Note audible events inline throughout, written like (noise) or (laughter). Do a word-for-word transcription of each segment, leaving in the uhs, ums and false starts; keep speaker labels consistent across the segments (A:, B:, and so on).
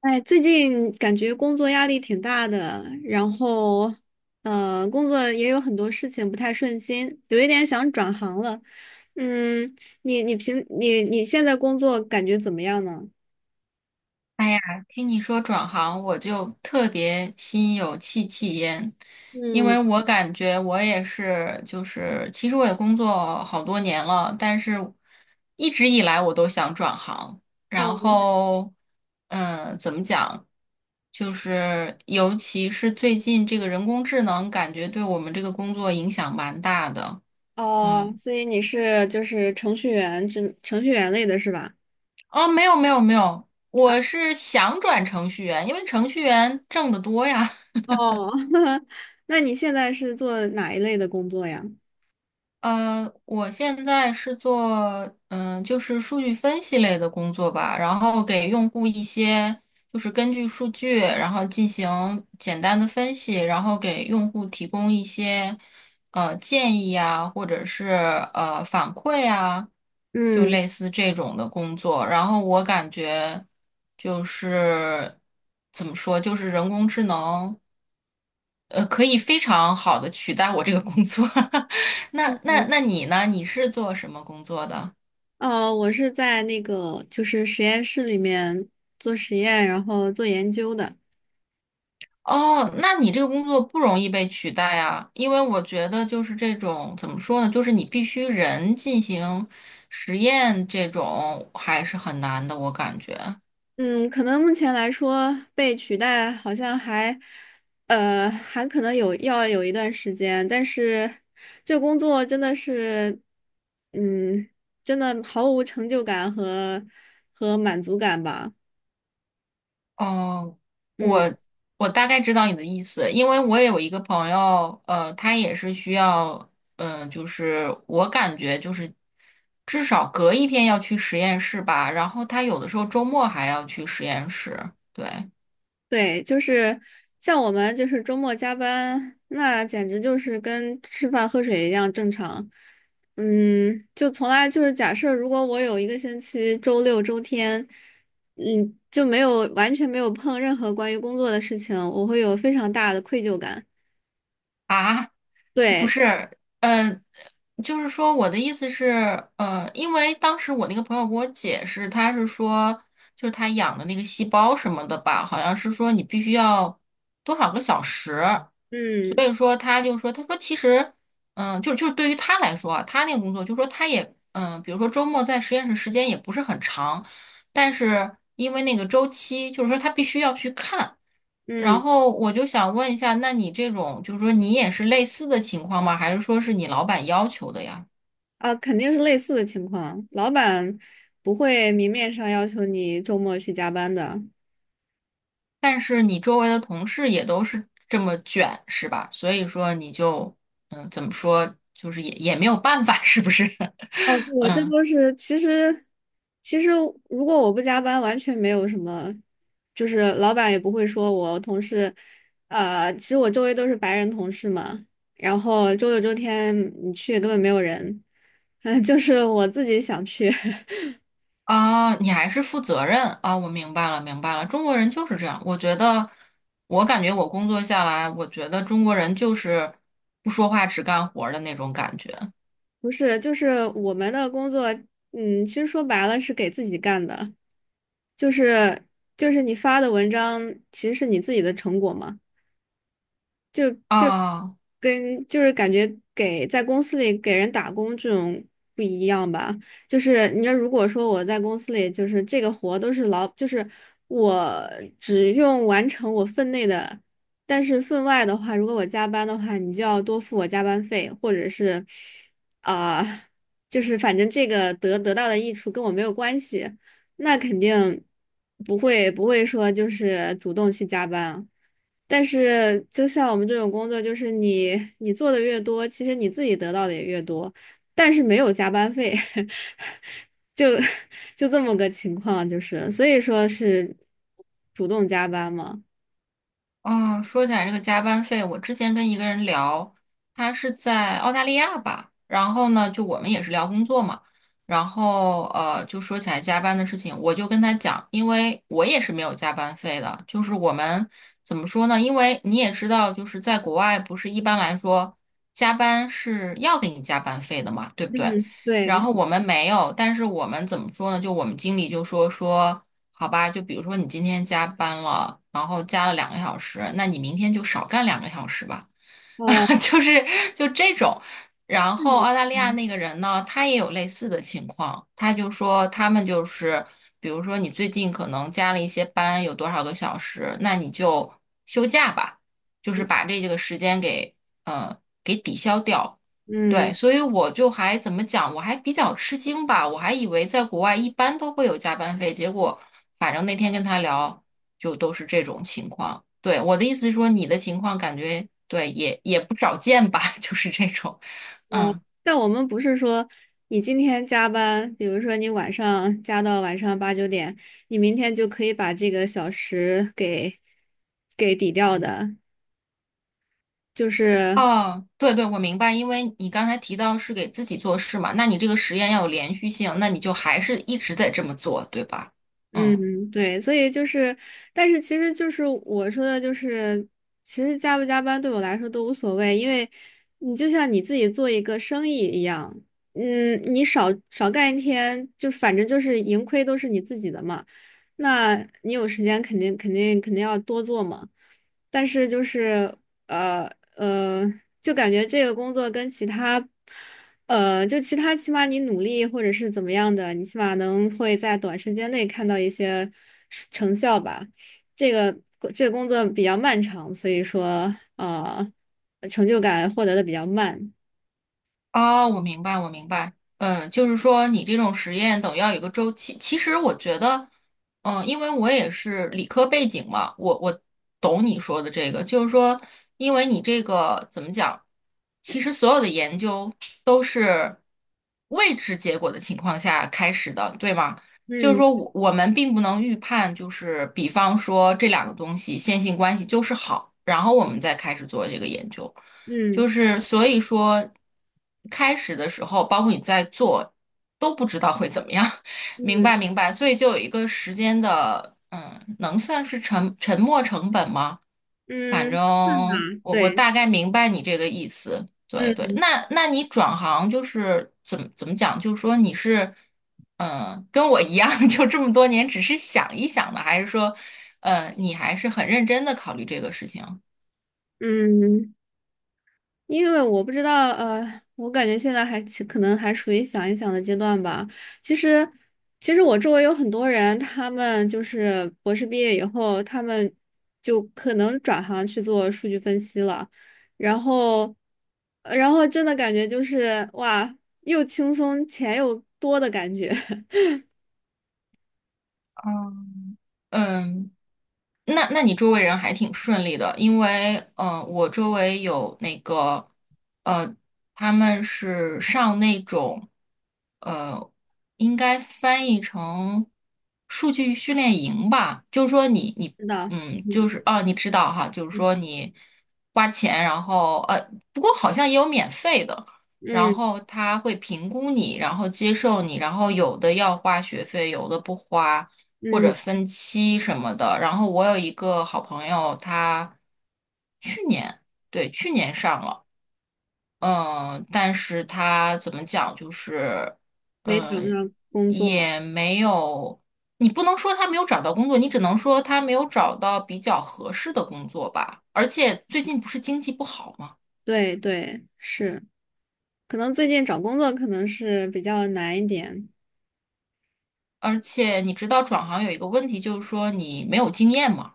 A: 哎，最近感觉工作压力挺大的，然后，呃，工作也有很多事情不太顺心，有一点想转行了。嗯，你你平你你现在工作感觉怎么样呢？
B: 哎呀，听你说转行，我就特别心有戚戚焉，因
A: 嗯，
B: 为我感觉我也是，就是其实我也工作好多年了，但是一直以来我都想转行，然
A: 哦
B: 后，嗯，怎么讲，就是尤其是最近这个人工智能，感觉对我们这个工作影响蛮大的，
A: 哦，
B: 嗯。
A: 所以你是就是程序员之程序员类的是吧？
B: 哦，没有没有没有，
A: 啊，
B: 我是想转程序员，因为程序员挣得多呀。
A: 哦，(laughs) 那你现在是做哪一类的工作呀？
B: 呃，我现在是做嗯、就是数据分析类的工作吧，然后给用户一些就是根据数据，然后进行简单的分析，然后给用户提供一些呃建议啊，或者是呃反馈啊，就
A: 嗯，
B: 类似这种的工作。然后我感觉就是怎么说，就是人工智能呃可以非常好的取代我这个工作。(laughs) 那那那你呢？你是做什么工作的？
A: 哦，我是在那个就是实验室里面做实验，然后做研究的。
B: 哦，那你这个工作不容易被取代啊，因为我觉得就是这种怎么说呢，就是你必须人进行实验，这种还是很难的，我感觉。
A: 嗯，可能目前来说被取代好像还，呃，还可能有要有一段时间，但是这工作真的是，嗯，真的毫无成就感和和满足感吧。
B: 哦，
A: 嗯。
B: 我我大概知道你的意思，因为我也有一个朋友，呃，他也是需要，呃，就是我感觉就是至少隔一天要去实验室吧，然后他有的时候周末还要去实验室，对。
A: 对，就是像我们就是周末加班，那简直就是跟吃饭喝水一样正常。嗯，就从来就是假设，如果我有一个星期周六周天，嗯，就没有完全没有碰任何关于工作的事情，我会有非常大的愧疚感。
B: 啊，不
A: 对，
B: 是，呃，就是说我的意思是，呃，因为当时我那个朋友给我解释，他是说，就是他养的那个细胞什么的吧，好像是说你必须要多少个小时，所
A: 嗯
B: 以说他就说，他说其实，嗯、就就是对于他来说啊他那个工作，就说他也，嗯、比如说周末在实验室时间也不是很长，但是因为那个周期，就是说他必须要去看。然
A: 嗯，
B: 后我就想问一下，那你这种就是说你也是类似的情况吗？还是说是你老板要求的呀？
A: 啊，肯定是类似的情况，老板不会明面上要求你周末去加班的。
B: 但是你周围的同事也都是这么卷，是吧？所以说你就嗯，怎么说，就是也也没有办法，是不是？
A: 哦，
B: (laughs)
A: 我这
B: 嗯
A: 都是其实，其实如果我不加班，完全没有什么，就是老板也不会说我同事，呃，其实我周围都是白人同事嘛，然后周六周天你去根本没有人，(laughs) 嗯，就是我自己想去，
B: 啊，你还是负责任啊，我明白了，明白了。中国人就是这样，我觉得，我感觉我工作下来，我觉得中国人就是不说话只干活儿的那种感觉
A: (laughs) 不是，就是我们的工作，嗯，其实说白了是给自己干的，就是就是你发的文章其实是你自己的成果嘛，就。
B: 啊。
A: 跟就是感觉给在公司里给人打工这种不一样吧。就是你要如果说我在公司里，就是这个活都是老，就是我只用完成我分内的，但是分外的话，如果我加班的话，你就要多付我加班费，或者是啊、(laughs) 就是反正这个得得到的益处跟我没有关系。那肯定不会不会说就是主动去加班啊。但是就像我们这种工作，就是你你做的越多，其实你自己得到的也越多，但是没有加班费，(laughs) 就就这么个情况，就是所以说是主动加班嘛。
B: 嗯，说起来这个加班费，我之前跟一个人聊，他是在澳大利亚吧，然后呢，就我们也是聊工作嘛，然后呃，就说起来加班的事情，我就跟他讲，因为我也是没有加班费的，就是我们怎么说呢？因为你也知道，就是在国外不是一般来说加班是要给你加班费的嘛，对不对？
A: 嗯，
B: 然
A: 对，
B: 后我们没有，但是我们怎么说呢？就我们经理就说说。好吧，就比如说你今天加班了，然后加了两个小时，那你明天就少干两个小时吧，
A: 哦，
B: (laughs) 就是就这种。然后
A: 嗯
B: 澳大利亚
A: 嗯
B: 那个人呢，他也有类似的情况，他就说他们就是，比如说你最近可能加了一些班，有多少个小时，那你就休假吧，就是把这个时间给呃给抵消掉。
A: 嗯。
B: 对，所以我就还怎么讲，我还比较吃惊吧，我还以为在国外一般都会有加班费，结果反正那天跟他聊，就都是这种情况。对，我的意思是说，你的情况感觉对也也不少见吧，(laughs) 就是这种，
A: 哦，
B: 嗯，
A: 但我们不是说你今天加班，比如说你晚上加到晚上八九点，你明天就可以把这个小时给给抵掉的，就是
B: 哦，对对，我明白，因为你刚才提到是给自己做事嘛，那你这个实验要有连续性，那你就还是一直得这么做，对吧？嗯。
A: 嗯，对，所以就是，但是其实就是我说的，就是其实加不加班对我来说都无所谓，因为你就像你自己做一个生意一样，嗯，你少少干一天，就反正就是盈亏都是你自己的嘛，那你有时间肯定肯定肯定要多做嘛，但是就是呃呃，就感觉这个工作跟其他。呃，就其他，起码你努力或者是怎么样的，你起码能会在短时间内看到一些是成效吧。这个这个工作比较漫长，所以说呃，成就感获得的比较慢。
B: 啊，我明白，我明白。嗯，就是说你这种实验等于要有个周期。其实我觉得，嗯，因为我也是理科背景嘛，我我懂你说的这个，就是说，因为你这个怎么讲，其实所有的研究都是未知结果的情况下开始的，对吗？就是说
A: 嗯
B: 我我们并不能预判，就是比方说这两个东西线性关系就是好，然后我们再开始做这个研究。就
A: 嗯
B: 是所以说，开始的时候，包括你在做，都不知道会怎么样，(laughs) 明
A: 嗯
B: 白明白，所以就有一个时间的，嗯，能算是沉沉没成本吗？反正
A: 嗯，嗯，
B: 我我
A: 对，
B: 大概明白你这个意思，对对。
A: 嗯
B: 那那你转行就是怎么怎么讲？就是说你是，嗯，跟我一样，(laughs) 就这么多年只是想一想的，还是说，呃，你还是很认真的考虑这个事情？
A: 嗯。因为我不知道，呃，我感觉现在还其可能还属于想一想的阶段吧。其实，其实我周围有很多人，他们就是博士毕业以后，他们就可能转行去做数据分析了。然后，呃然后真的感觉就是哇，又轻松钱又多的感觉。(laughs)
B: 嗯，嗯，那那你周围人还挺顺利的，因为嗯，我周围有那个呃，他们是上那种呃，应该翻译成数据训练营吧，就是说你你
A: 是的，
B: 嗯，就是哦，你知道哈，就是说你花钱，然后呃，不过好像也有免费的，然
A: 嗯
B: 后他会评估你，然后接受你，然后有的要花学费，有的不花。或者
A: 嗯，
B: 分期什么的。然后我有一个好朋友，他去年，对，去年上了，嗯，但是他怎么讲，就是，
A: 没找
B: 嗯，
A: 到工作。
B: 也没有，你不能说他没有找到工作，你只能说他没有找到比较合适的工作吧。而且最近不是经济不好吗？
A: 对对，是，可能最近找工作可能是比较难一点。
B: 而且你知道转行有一个问题，就是说你没有经验嘛。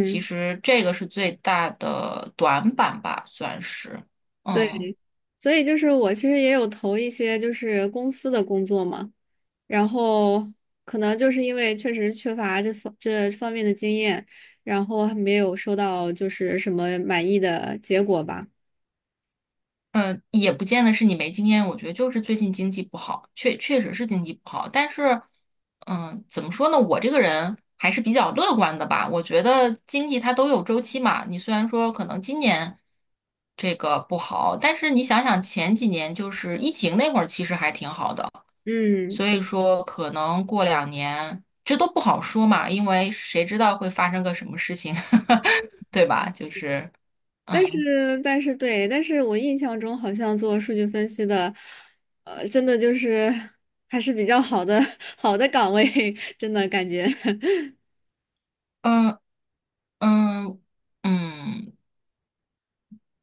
B: 其实这个是最大的短板吧，算是。嗯
A: 对，所以就是我其实也有投一些就是公司的工作嘛，然后可能就是因为确实缺乏这方这方面的经验，然后还没有收到就是什么满意的结果吧。
B: 嗯，呃也不见得是你没经验，我觉得就是最近经济不好，确确实是经济不好。但是，嗯，怎么说呢？我这个人还是比较乐观的吧。我觉得经济它都有周期嘛。你虽然说可能今年这个不好，但是你想想前几年就是疫情那会儿，其实还挺好的。
A: 嗯，
B: 所以说可能过两年，这都不好说嘛，因为谁知道会发生个什么事情，(laughs) 对吧？就是，
A: 但
B: 嗯
A: 是但是对，但是我印象中好像做数据分析的，呃，真的就是还是比较好的 (laughs) 好的岗位，(laughs) 真的感觉，
B: 嗯嗯嗯，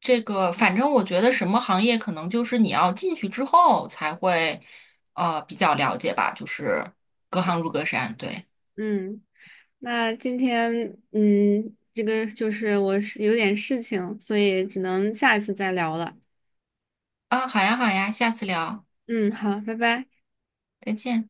B: 这个反正我觉得什么行业可能就是你要进去之后才会，呃，比较了解吧，就是隔行如隔山，对
A: (laughs) 嗯。那今天，嗯，这个就是我是有点事情，所以只能下一次再聊了。
B: 啊，好呀好呀，下次聊，
A: 嗯，好，拜拜。
B: 再见。